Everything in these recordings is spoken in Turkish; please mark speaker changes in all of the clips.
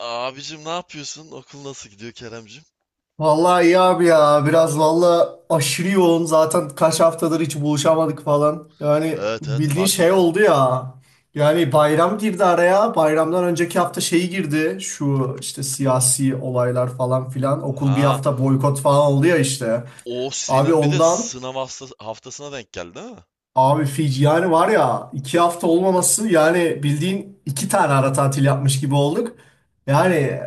Speaker 1: Abicim ne yapıyorsun? Okul nasıl gidiyor Keremcim?
Speaker 2: Vallahi iyi abi ya. Biraz vallahi aşırı yoğun. Zaten kaç haftadır hiç buluşamadık falan. Yani
Speaker 1: Evet evet,
Speaker 2: bildiğin
Speaker 1: fark
Speaker 2: şey
Speaker 1: ettim.
Speaker 2: oldu ya. Yani bayram girdi araya. Bayramdan önceki hafta şeyi girdi. Şu işte siyasi olaylar falan filan. Okul bir
Speaker 1: Ha,
Speaker 2: hafta boykot falan oldu ya işte.
Speaker 1: o
Speaker 2: Abi
Speaker 1: senin bir de
Speaker 2: ondan
Speaker 1: sınav haftasına denk geldi, değil mi?
Speaker 2: Abi Fiji yani var ya iki hafta olmaması yani bildiğin iki tane ara tatil yapmış gibi olduk.
Speaker 1: Hmm,
Speaker 2: Yani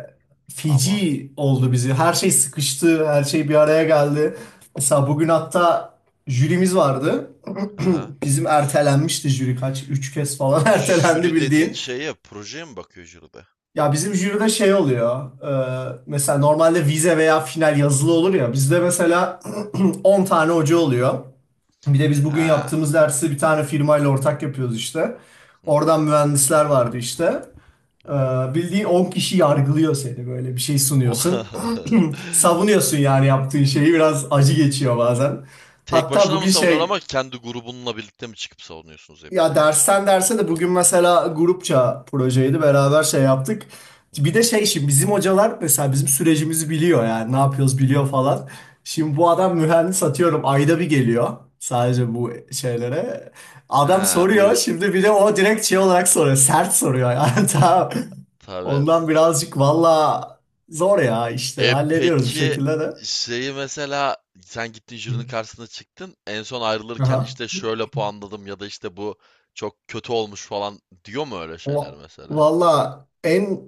Speaker 1: ama.
Speaker 2: Fiji oldu bizi. Her şey sıkıştı. Her şey bir araya geldi. Mesela bugün hatta jürimiz vardı.
Speaker 1: Ha.
Speaker 2: Bizim ertelenmişti jüri kaç? Üç kez falan ertelendi
Speaker 1: Jüri dediğin
Speaker 2: bildiğin.
Speaker 1: şeye, projeye mi bakıyor jüride?
Speaker 2: Ya bizim jüride şey oluyor. Mesela normalde vize veya final yazılı olur ya. Bizde mesela 10 tane hoca oluyor. Bir de biz bugün
Speaker 1: Ha.
Speaker 2: yaptığımız dersi bir tane firmayla ortak yapıyoruz işte.
Speaker 1: Hı hı,
Speaker 2: Oradan mühendisler vardı işte. Ee,
Speaker 1: aha.
Speaker 2: Bildiğin 10 kişi yargılıyor seni, böyle bir şey
Speaker 1: O
Speaker 2: sunuyorsun. Savunuyorsun yani yaptığın şeyi, biraz acı geçiyor bazen.
Speaker 1: Tek
Speaker 2: Hatta
Speaker 1: başına mı
Speaker 2: bugün
Speaker 1: savunuyorsun
Speaker 2: şey
Speaker 1: ama, kendi grubunla birlikte mi çıkıp savunuyorsunuz hep
Speaker 2: ya
Speaker 1: birlikte?
Speaker 2: dersten derse de bugün mesela grupça projeydi, beraber şey yaptık.
Speaker 1: Hı
Speaker 2: Bir
Speaker 1: hı,
Speaker 2: de şey, şimdi bizim hocalar mesela bizim sürecimizi biliyor yani ne yapıyoruz biliyor falan.
Speaker 1: hı hı,
Speaker 2: Şimdi bu adam mühendis, atıyorum ayda bir geliyor
Speaker 1: hı hı.
Speaker 2: sadece bu şeylere. Adam
Speaker 1: Ha,
Speaker 2: soruyor
Speaker 1: buyur.
Speaker 2: şimdi, bir de o direkt şey olarak soruyor, sert soruyor yani tamam.
Speaker 1: Tabii.
Speaker 2: Ondan birazcık valla zor ya, işte
Speaker 1: E,
Speaker 2: hallediyoruz bir
Speaker 1: peki
Speaker 2: şekilde de.
Speaker 1: şeyi mesela, sen gittin
Speaker 2: Hı.
Speaker 1: jürinin karşısına çıktın. En son ayrılırken
Speaker 2: Aha.
Speaker 1: işte şöyle puanladım ya da işte bu çok kötü olmuş falan diyor mu öyle şeyler
Speaker 2: Va-
Speaker 1: mesela?
Speaker 2: Valla en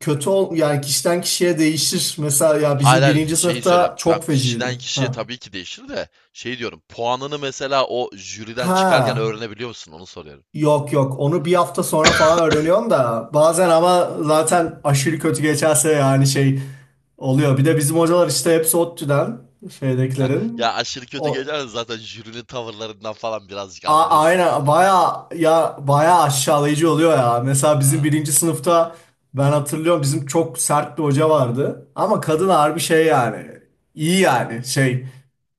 Speaker 2: kötü ol yani kişiden kişiye değişir. Mesela ya
Speaker 1: Hayır
Speaker 2: bizim
Speaker 1: hayır,
Speaker 2: birinci
Speaker 1: şeyi
Speaker 2: sınıfta
Speaker 1: söylem. Tamam,
Speaker 2: çok
Speaker 1: kişiden
Speaker 2: feciydi.
Speaker 1: kişiye
Speaker 2: Ha.
Speaker 1: tabii ki değişir de şey diyorum. Puanını mesela o jüriden çıkarken
Speaker 2: Ha.
Speaker 1: öğrenebiliyor musun? Onu soruyorum.
Speaker 2: Yok yok, onu bir hafta sonra falan öğreniyorsun da bazen, ama zaten aşırı kötü geçerse yani şey oluyor. Bir de bizim hocalar işte hepsi ODTÜ'den
Speaker 1: Heh, ya
Speaker 2: şeydekilerin.
Speaker 1: aşırı kötü
Speaker 2: O,
Speaker 1: geçerse zaten jürinin tavırlarından falan birazcık anlıyorsundur
Speaker 2: Aynen
Speaker 1: ha.
Speaker 2: baya ya baya aşağılayıcı oluyor ya. Mesela bizim
Speaker 1: Ha,
Speaker 2: birinci sınıfta ben hatırlıyorum, bizim çok sert bir hoca vardı. Ama kadın
Speaker 1: aha.
Speaker 2: harbi şey yani iyi yani şey,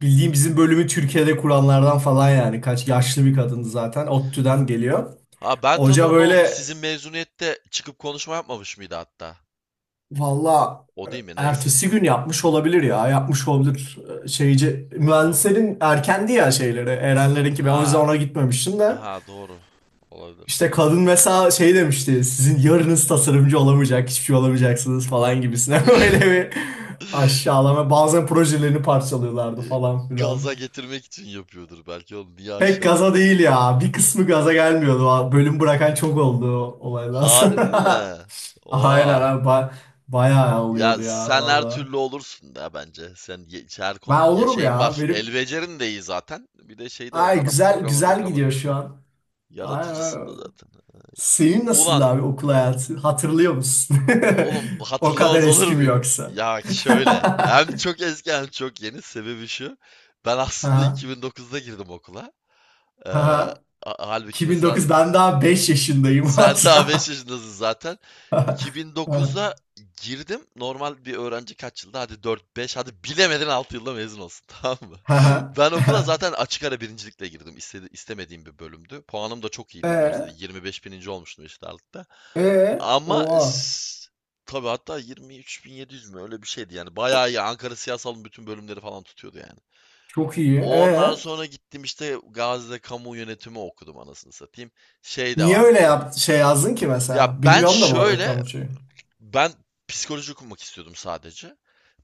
Speaker 2: bildiğim bizim bölümü Türkiye'de kuranlardan falan yani, kaç yaşlı bir kadındı zaten, ODTÜ'den geliyor.
Speaker 1: Ha, ben
Speaker 2: Hoca
Speaker 1: tanıyorum lan onu.
Speaker 2: böyle
Speaker 1: Sizin mezuniyette çıkıp konuşma yapmamış mıydı hatta?
Speaker 2: valla
Speaker 1: O değil mi? Neyse.
Speaker 2: ertesi gün yapmış olabilir ya, yapmış olabilir şeyci
Speaker 1: Bilmiyorum.
Speaker 2: mühendislerin erkendi ya şeyleri, Erenlerinki ben o yüzden
Speaker 1: Ha,
Speaker 2: ona gitmemiştim de.
Speaker 1: ha doğru. Olabilir,
Speaker 2: İşte
Speaker 1: tamam.
Speaker 2: kadın mesela şey demişti. Sizin yarınız tasarımcı olamayacak, hiçbir şey olamayacaksınız falan gibisine. Öyle bir aşağılama. Bazen projelerini parçalıyorlardı
Speaker 1: E,
Speaker 2: falan filan.
Speaker 1: gaza getirmek için yapıyordur belki oğlum. Niye
Speaker 2: Pek gaza
Speaker 1: aşağılasın?
Speaker 2: değil ya. Bir kısmı gaza gelmiyordu. Bölüm bırakan çok oldu o olaydan
Speaker 1: Harbi
Speaker 2: sonra.
Speaker 1: mi?
Speaker 2: Aynen
Speaker 1: Oha.
Speaker 2: abi. Bayağı
Speaker 1: Ya
Speaker 2: oluyordu ya
Speaker 1: sen her
Speaker 2: valla.
Speaker 1: türlü olursun da bence. Sen her
Speaker 2: Ben
Speaker 1: konu ya
Speaker 2: olurum
Speaker 1: şeyin
Speaker 2: ya.
Speaker 1: var. El
Speaker 2: Benim
Speaker 1: becerin de iyi zaten. Bir de şey de var.
Speaker 2: ay
Speaker 1: Zaten
Speaker 2: güzel
Speaker 1: programlar,
Speaker 2: güzel
Speaker 1: programlar
Speaker 2: gidiyor
Speaker 1: var.
Speaker 2: şu an. Ay,
Speaker 1: Yaratıcısın da zaten.
Speaker 2: senin nasıl
Speaker 1: Ulan,
Speaker 2: abi okul hayatı? Hatırlıyor musun?
Speaker 1: oğlum
Speaker 2: O kadar
Speaker 1: hatırlamaz olur
Speaker 2: eski mi
Speaker 1: muyum?
Speaker 2: yoksa?
Speaker 1: Ya şöyle, hem çok eski hem çok yeni, sebebi şu. Ben aslında
Speaker 2: Aha,
Speaker 1: 2009'da girdim okula. Ee, ha-
Speaker 2: aha.
Speaker 1: Halbuki mesela
Speaker 2: 2009 ben daha 5 yaşındayım.
Speaker 1: sen daha 5
Speaker 2: Haha,
Speaker 1: yaşındasın zaten. 2009'da girdim. Normal bir öğrenci kaç yılda? Hadi dört beş, hadi bilemedin 6 yılda mezun olsun tamam mı?
Speaker 2: aha.
Speaker 1: Ben okula
Speaker 2: Aha.
Speaker 1: zaten açık ara birincilikle girdim. İstemediğim bir bölümdü. Puanım da çok iyiydi üniversitede.
Speaker 2: E,
Speaker 1: 25 bininci olmuştum eşit ağırlıkta.
Speaker 2: e,
Speaker 1: Ama
Speaker 2: oha.
Speaker 1: s- tabii hatta 23.700 mü, öyle bir şeydi yani. Bayağı iyi. Ankara Siyasal'ın bütün bölümleri falan tutuyordu yani.
Speaker 2: Çok iyi.
Speaker 1: Ondan
Speaker 2: E,
Speaker 1: sonra gittim işte Gazi'de kamu yönetimi okudum, anasını satayım. Şey de
Speaker 2: niye
Speaker 1: var
Speaker 2: öyle
Speaker 1: tabii.
Speaker 2: yap şey yazdın ki
Speaker 1: Ya
Speaker 2: mesela?
Speaker 1: ben
Speaker 2: Bilmiyorum da bu arada
Speaker 1: şöyle,
Speaker 2: kamuçayı.
Speaker 1: ben psikoloji okumak istiyordum sadece.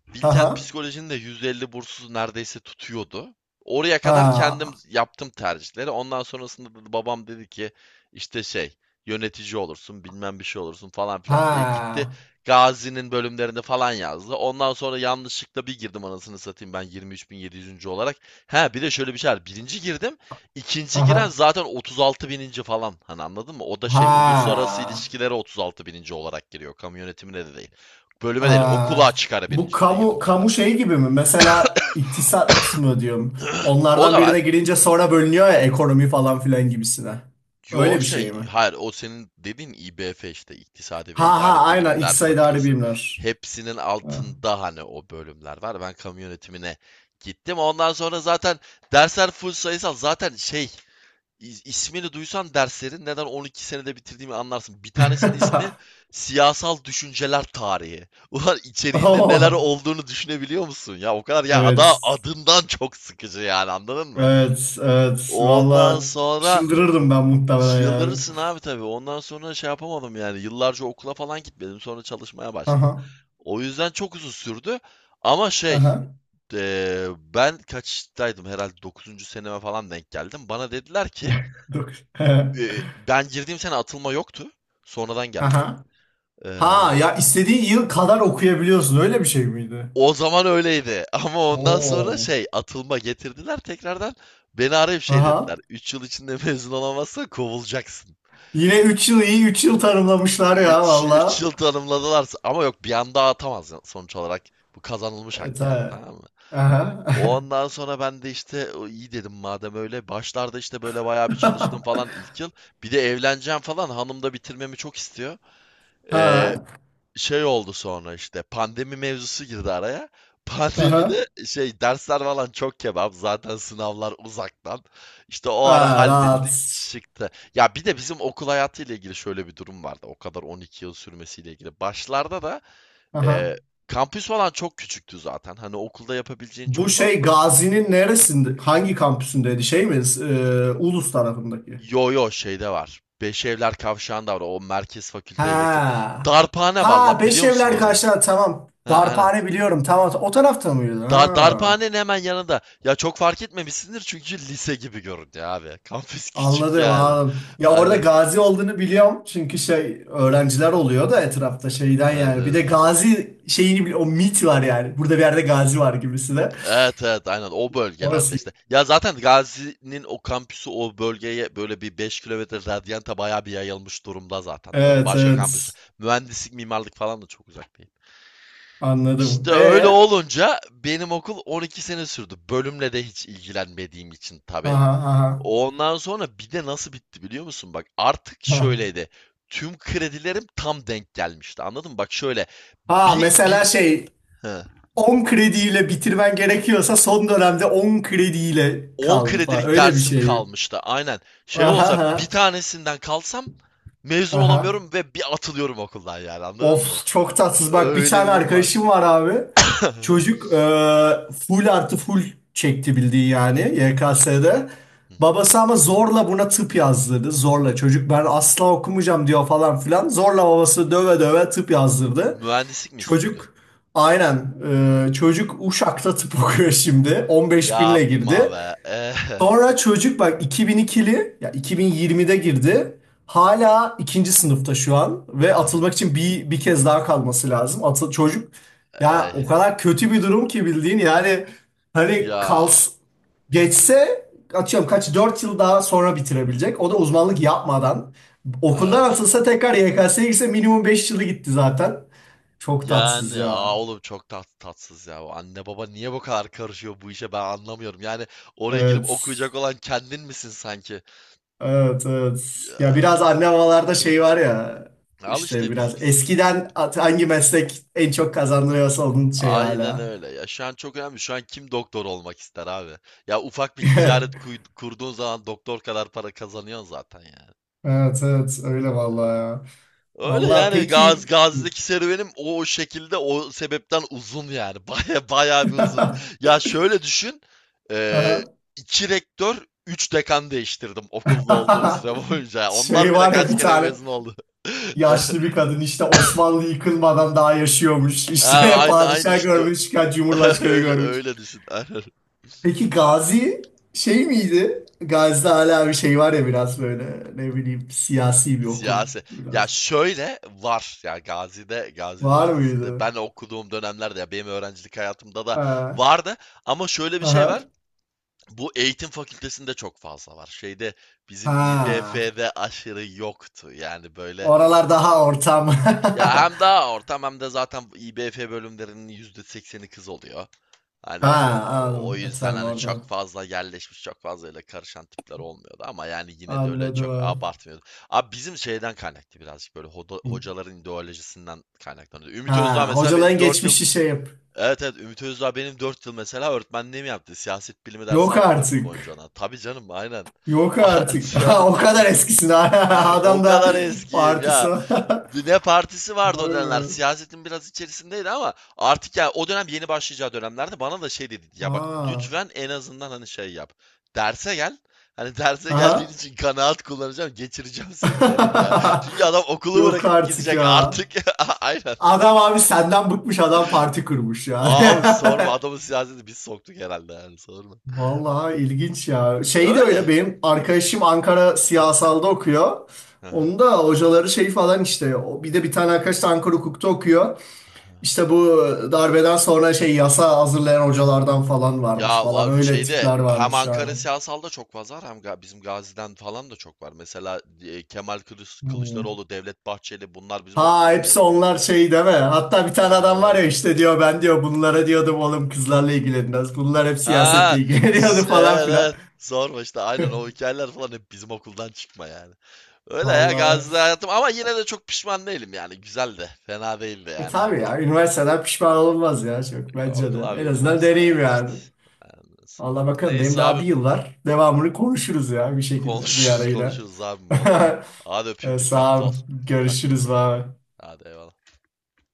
Speaker 1: Bilkent
Speaker 2: Aha.
Speaker 1: Psikoloji'nin de %50 bursu neredeyse tutuyordu. Oraya kadar kendim
Speaker 2: Ha.
Speaker 1: yaptım tercihleri. Ondan sonrasında babam dedi ki işte şey, yönetici olursun bilmem bir şey olursun falan filan diye gitti.
Speaker 2: Ha.
Speaker 1: Gazi'nin bölümlerinde falan yazdı. Ondan sonra yanlışlıkla bir girdim, anasını satayım, ben 23.700. olarak. Ha, bir de şöyle bir şey var. Birinci girdim. İkinci giren
Speaker 2: Aha.
Speaker 1: zaten 36 bininci falan. Hani anladın mı? O da şey, uluslararası
Speaker 2: Ha.
Speaker 1: ilişkilere 36 bininci olarak giriyor. Kamu yönetimine de değil, bölüme değil,
Speaker 2: Aa,
Speaker 1: okula çıkar
Speaker 2: bu
Speaker 1: birincilikle
Speaker 2: kamu
Speaker 1: girdim zaten.
Speaker 2: kamu şey gibi mi? Mesela iktisat mı diyorum?
Speaker 1: O
Speaker 2: Onlardan
Speaker 1: da var.
Speaker 2: birine girince sonra bölünüyor ya ekonomi falan filan gibisine.
Speaker 1: Yo
Speaker 2: Öyle bir şey
Speaker 1: şey,
Speaker 2: mi?
Speaker 1: hayır, o senin dediğin İBF, işte İktisadi ve
Speaker 2: Ha ha
Speaker 1: İdari
Speaker 2: aynen
Speaker 1: Bilimler
Speaker 2: İktisat İdari
Speaker 1: Fakültesi.
Speaker 2: Bilimler.
Speaker 1: Hepsinin
Speaker 2: Ha.
Speaker 1: altında hani o bölümler var. Ben kamu yönetimine gittim. Ondan sonra zaten dersler full sayısal. Zaten şey, ismini duysan derslerin neden 12 senede bitirdiğimi anlarsın. Bir tanesinin de ismi Siyasal Düşünceler Tarihi. Ulan, içeriğinde neler
Speaker 2: Oo,
Speaker 1: olduğunu düşünebiliyor musun? Ya o kadar, ya
Speaker 2: evet.
Speaker 1: adından çok sıkıcı yani, anladın mı?
Speaker 2: Evet, evet.
Speaker 1: Ondan
Speaker 2: Valla
Speaker 1: sonra
Speaker 2: çıldırırdım ben muhtemelen yani.
Speaker 1: çıldırırsın abi tabii. Ondan sonra şey yapamadım yani. Yıllarca okula falan gitmedim. Sonra çalışmaya başladım.
Speaker 2: Aha,
Speaker 1: O yüzden çok uzun sürdü. Ama şey,
Speaker 2: aha.
Speaker 1: ben kaçtaydım, herhalde 9. seneme falan denk geldim. Bana dediler ki,
Speaker 2: Yok.
Speaker 1: ben girdiğim sene atılma yoktu. Sonradan geldi.
Speaker 2: Aha.
Speaker 1: Eee,
Speaker 2: Ha ya istediğin yıl kadar okuyabiliyorsun. Öyle bir şey miydi?
Speaker 1: O zaman öyleydi. Ama ondan sonra
Speaker 2: Oo.
Speaker 1: şey, atılma getirdiler tekrardan. Beni arayıp şey dediler.
Speaker 2: Aha.
Speaker 1: 3 yıl içinde mezun olamazsan kovulacaksın.
Speaker 2: Yine 3 yıl iyi, 3 yıl tarımlamışlar ya
Speaker 1: 3
Speaker 2: valla.
Speaker 1: yıl tanımladılarsa ama, yok bir anda atamaz sonuç olarak. Bu kazanılmış
Speaker 2: Evet
Speaker 1: hak
Speaker 2: ha.
Speaker 1: yani, tamam mı?
Speaker 2: Aha.
Speaker 1: Ondan sonra ben de işte, "O iyi," dedim, "madem öyle." Başlarda işte böyle bayağı bir çalıştım falan ilk yıl. Bir de evleneceğim falan, hanım da bitirmemi çok istiyor.
Speaker 2: Ha.
Speaker 1: Ee, Şey oldu, sonra işte pandemi mevzusu girdi araya.
Speaker 2: Aha.
Speaker 1: Pandemide şey, dersler falan çok kebap. Zaten sınavlar uzaktan. İşte o ara
Speaker 2: Ha, rahat.
Speaker 1: hallettim çıktı. Ya bir de bizim okul hayatıyla ilgili şöyle bir durum vardı. O kadar 12 yıl sürmesiyle ilgili. Başlarda da
Speaker 2: Aha.
Speaker 1: e, kampüs falan çok küçüktü zaten. Hani okulda yapabileceğin
Speaker 2: Bu
Speaker 1: çok
Speaker 2: şey
Speaker 1: fazla.
Speaker 2: Gazi'nin neresinde? Hangi kampüsündeydi? Şey mi? Ulus tarafındaki.
Speaker 1: Yo yo, şeyde var. Beş Evler Kavşağı'nda var. O merkez fakülteye yakın.
Speaker 2: Ha.
Speaker 1: Darphane var
Speaker 2: Ha,
Speaker 1: lan, biliyor musun
Speaker 2: Beşevler
Speaker 1: orayı?
Speaker 2: karşılar, tamam.
Speaker 1: Ha aynen.
Speaker 2: Darphane biliyorum. Tamam. O tarafta mıydı? Ha.
Speaker 1: Darphanenin hemen yanında. Ya çok fark etmemişsindir, çünkü lise gibi göründü abi. Kampüs küçük
Speaker 2: Anladım,
Speaker 1: yani.
Speaker 2: anladım. Ya orada
Speaker 1: Hani
Speaker 2: gazi olduğunu biliyorum. Çünkü şey öğrenciler oluyor da etrafta, şeyden yani. Bir
Speaker 1: evet.
Speaker 2: de gazi şeyini o mit var yani. Burada bir yerde gazi var gibisi de.
Speaker 1: Evet evet, aynen o bölgelerde
Speaker 2: Orası.
Speaker 1: işte. Ya zaten Gazi'nin o kampüsü o bölgeye böyle bir 5 kilometre radyanta bayağı bir yayılmış durumda zaten. Böyle
Speaker 2: Evet,
Speaker 1: başka kampüs,
Speaker 2: evet.
Speaker 1: mühendislik mimarlık falan da çok uzak değil.
Speaker 2: Anladım.
Speaker 1: İşte öyle
Speaker 2: E,
Speaker 1: olunca benim okul 12 sene sürdü. Bölümle de hiç ilgilenmediğim için tabii.
Speaker 2: aha, aha.
Speaker 1: Ondan sonra bir de nasıl bitti biliyor musun? Bak, artık
Speaker 2: Ha.
Speaker 1: şöyleydi. Tüm kredilerim tam denk gelmişti. Anladın mı? Bak şöyle,
Speaker 2: Ha,
Speaker 1: bir, bir
Speaker 2: mesela şey,
Speaker 1: he,
Speaker 2: 10 krediyle bitirmen gerekiyorsa son dönemde 10 krediyle
Speaker 1: 10
Speaker 2: kaldı falan.
Speaker 1: kredilik
Speaker 2: Öyle bir
Speaker 1: dersim
Speaker 2: şey mi?
Speaker 1: kalmıştı. Aynen. Şey
Speaker 2: Aha,
Speaker 1: olsa, bir
Speaker 2: aha.
Speaker 1: tanesinden kalsam mezun
Speaker 2: Aha.
Speaker 1: olamıyorum ve bir atılıyorum okuldan yani. Anladın mı?
Speaker 2: Of, çok tatsız. Bak bir
Speaker 1: Öyle
Speaker 2: tane
Speaker 1: bir durum vardı.
Speaker 2: arkadaşım var abi. Çocuk full artı full çekti bildiği yani, YKS'de.
Speaker 1: Hı hı.
Speaker 2: Babası ama zorla buna tıp yazdırdı. Zorla, çocuk ben asla okumayacağım diyor falan filan. Zorla babası döve döve tıp yazdırdı.
Speaker 1: Mühendislik mi istiyordu?
Speaker 2: Çocuk aynen,
Speaker 1: Hı.
Speaker 2: çocuk Uşak'ta tıp okuyor şimdi. 15 binle
Speaker 1: Yapma
Speaker 2: girdi.
Speaker 1: be. Eh.
Speaker 2: Sonra çocuk bak 2002'li ya 2020'de girdi.
Speaker 1: Hı.
Speaker 2: Hala ikinci sınıfta şu an ve
Speaker 1: Aha.
Speaker 2: atılmak için bir kez daha kalması lazım. Atıl çocuk ya
Speaker 1: Ey.
Speaker 2: o kadar kötü bir durum ki bildiğin yani, hani
Speaker 1: Ya
Speaker 2: geçse, atıyorum kaç 4 yıl daha sonra bitirebilecek. O da uzmanlık yapmadan okuldan
Speaker 1: evet.
Speaker 2: atılsa, tekrar YKS'ye girse minimum 5 yılı gitti zaten. Çok tatsız
Speaker 1: Yani,
Speaker 2: ya.
Speaker 1: oğlum çok tatsız ya. O anne baba niye bu kadar karışıyor bu işe, ben anlamıyorum. Yani oraya girip
Speaker 2: Evet.
Speaker 1: okuyacak olan kendin misin sanki?
Speaker 2: Evet, evet. Ya
Speaker 1: Ya,
Speaker 2: biraz anne babalarda şey var ya
Speaker 1: al
Speaker 2: işte,
Speaker 1: işte biz,
Speaker 2: biraz
Speaker 1: bizim
Speaker 2: eskiden hangi meslek en çok kazandırıyorsa onun şey
Speaker 1: aynen
Speaker 2: hala.
Speaker 1: öyle. Ya şu an çok önemli. Şu an kim doktor olmak ister abi? Ya ufak bir ticaret kurduğun zaman doktor kadar para kazanıyorsun zaten yani.
Speaker 2: Evet, evet. Öyle vallahi ya.
Speaker 1: Öyle
Speaker 2: Vallahi
Speaker 1: yani,
Speaker 2: peki
Speaker 1: Gazi'deki serüvenim o şekilde, o sebepten uzun yani. Baya baya bir uzun. Ya şöyle düşün. eee
Speaker 2: aha.
Speaker 1: iki rektör, üç dekan değiştirdim okulda olduğum süre boyunca. Yani onlar
Speaker 2: Şey
Speaker 1: bile
Speaker 2: var ya,
Speaker 1: kaç
Speaker 2: bir
Speaker 1: kere
Speaker 2: tane
Speaker 1: mezun oldu.
Speaker 2: yaşlı bir kadın işte Osmanlı yıkılmadan daha yaşıyormuş.
Speaker 1: Ha,
Speaker 2: İşte
Speaker 1: aynı aynı
Speaker 2: padişah
Speaker 1: işte.
Speaker 2: görmüş, kaç cumhurbaşkanı
Speaker 1: Öyle
Speaker 2: görmüş.
Speaker 1: öyle düşün. Aynen.
Speaker 2: Peki Gazi şey miydi? Gazi'de hala bir şey var ya, biraz böyle ne bileyim siyasi bir okul
Speaker 1: Siyasi. Ya
Speaker 2: biraz.
Speaker 1: şöyle var ya, Gazi'de, Gazi
Speaker 2: Var
Speaker 1: Üniversitesi'nde
Speaker 2: mıydı?
Speaker 1: ben okuduğum dönemlerde, ya benim öğrencilik hayatımda da
Speaker 2: Ha.
Speaker 1: vardı ama şöyle bir şey var.
Speaker 2: Aha.
Speaker 1: Bu eğitim fakültesinde çok fazla var. Şeyde, bizim
Speaker 2: Ha.
Speaker 1: İBF'de aşırı yoktu. Yani böyle,
Speaker 2: Oralar daha ortam.
Speaker 1: ya hem daha ortam, hem de zaten İBF bölümlerinin %80'i kız oluyor. Hani
Speaker 2: Ha
Speaker 1: o
Speaker 2: anladım. E,
Speaker 1: yüzden
Speaker 2: tabii
Speaker 1: hani çok
Speaker 2: oradan.
Speaker 1: fazla yerleşmiş, çok fazla öyle karışan tipler olmuyordu ama yani yine de öyle
Speaker 2: Anladım
Speaker 1: çok
Speaker 2: ha.
Speaker 1: abartmıyordu. Abi bizim şeyden kaynaklı, birazcık böyle hocaların ideolojisinden kaynaklanıyordu. Ümit Özdağ
Speaker 2: Ha,
Speaker 1: mesela
Speaker 2: hocaların
Speaker 1: benim 4 yıl.
Speaker 2: geçmişi şey yap.
Speaker 1: Evet evet. Ümit Özdağ benim 4 yıl mesela öğretmenliğimi yaptı. Siyaset bilimi dersi
Speaker 2: Yok
Speaker 1: aldım 4 yıl boyunca
Speaker 2: artık.
Speaker 1: ona. Tabii canım, aynen.
Speaker 2: Yok
Speaker 1: Ah,
Speaker 2: artık.
Speaker 1: tabii
Speaker 2: Ha, o
Speaker 1: tabii.
Speaker 2: kadar eskisin.
Speaker 1: O
Speaker 2: Adam da
Speaker 1: kadar eskiyim
Speaker 2: partisi.
Speaker 1: ya. Ne partisi vardı o
Speaker 2: Vay
Speaker 1: dönemler.
Speaker 2: be.
Speaker 1: Siyasetin biraz içerisindeydi ama artık, ya o dönem yeni başlayacağı dönemlerde bana da şey dedi. Ya bak,
Speaker 2: Ha.
Speaker 1: lütfen en azından hani şey yap. Derse gel. Hani derse geldiğin
Speaker 2: Aha.
Speaker 1: için kanaat kullanacağım, geçireceğim seni, de dedi ya. Çünkü adam okulu
Speaker 2: Yok
Speaker 1: bırakıp
Speaker 2: artık
Speaker 1: gidecek
Speaker 2: ya.
Speaker 1: artık. Aynen.
Speaker 2: Adam abi senden bıkmış, adam parti kurmuş yani.
Speaker 1: Aa abi sorma, adamın siyaseti biz soktuk herhalde yani, sorma.
Speaker 2: Vallahi ilginç ya. Şey de öyle,
Speaker 1: Öyle.
Speaker 2: benim arkadaşım Ankara siyasalda okuyor.
Speaker 1: Hı hı.
Speaker 2: Onun da hocaları şey falan işte. O- Bir de bir tane arkadaş da Ankara hukukta okuyor. İşte bu darbeden sonra şey, yasa hazırlayan hocalardan falan varmış
Speaker 1: Ya
Speaker 2: falan.
Speaker 1: var
Speaker 2: Öyle
Speaker 1: şeyde,
Speaker 2: tipler
Speaker 1: hem
Speaker 2: varmış yani.
Speaker 1: Ankara siyasalda çok fazla var, hem bizim Gazi'den falan da çok var. Mesela
Speaker 2: Hmm.
Speaker 1: Kılıçdaroğlu, Devlet Bahçeli bunlar bizim
Speaker 2: Ha
Speaker 1: okuldan
Speaker 2: hepsi
Speaker 1: mezun
Speaker 2: onlar
Speaker 1: mesela.
Speaker 2: şey değil mi? Hatta bir tane adam var
Speaker 1: Ha,
Speaker 2: ya, işte diyor ben diyor bunlara diyordum oğlum kızlarla ilgilenmez. Bunlar hep siyasetle
Speaker 1: ha,
Speaker 2: ilgileniyordu falan filan.
Speaker 1: evet. Sorma işte, aynen o hikayeler falan hep bizim okuldan çıkma yani. Öyle ya, Gazi'de
Speaker 2: Vallahi.
Speaker 1: hayatım, ama yine de çok pişman değilim yani, güzel de, fena değildi
Speaker 2: E,
Speaker 1: yani
Speaker 2: tabii
Speaker 1: hani.
Speaker 2: ya üniversiteden pişman olunmaz ya çok bence
Speaker 1: Okul
Speaker 2: de.
Speaker 1: abi,
Speaker 2: En azından
Speaker 1: üniversite
Speaker 2: deneyim
Speaker 1: hayatı işte.
Speaker 2: yani.
Speaker 1: Ondan sonra.
Speaker 2: Allah bakalım, benim
Speaker 1: Neyse
Speaker 2: daha bir
Speaker 1: abim.
Speaker 2: yıl var. Devamını konuşuruz ya bir şekilde bir ara
Speaker 1: Konuşuruz
Speaker 2: yine.
Speaker 1: konuşuruz abim, oldu. Hadi öpeyim,
Speaker 2: E,
Speaker 1: dikkatli
Speaker 2: sağ ol.
Speaker 1: ol. Kaçtım
Speaker 2: Görüşürüz
Speaker 1: ben.
Speaker 2: abi.
Speaker 1: Hadi eyvallah.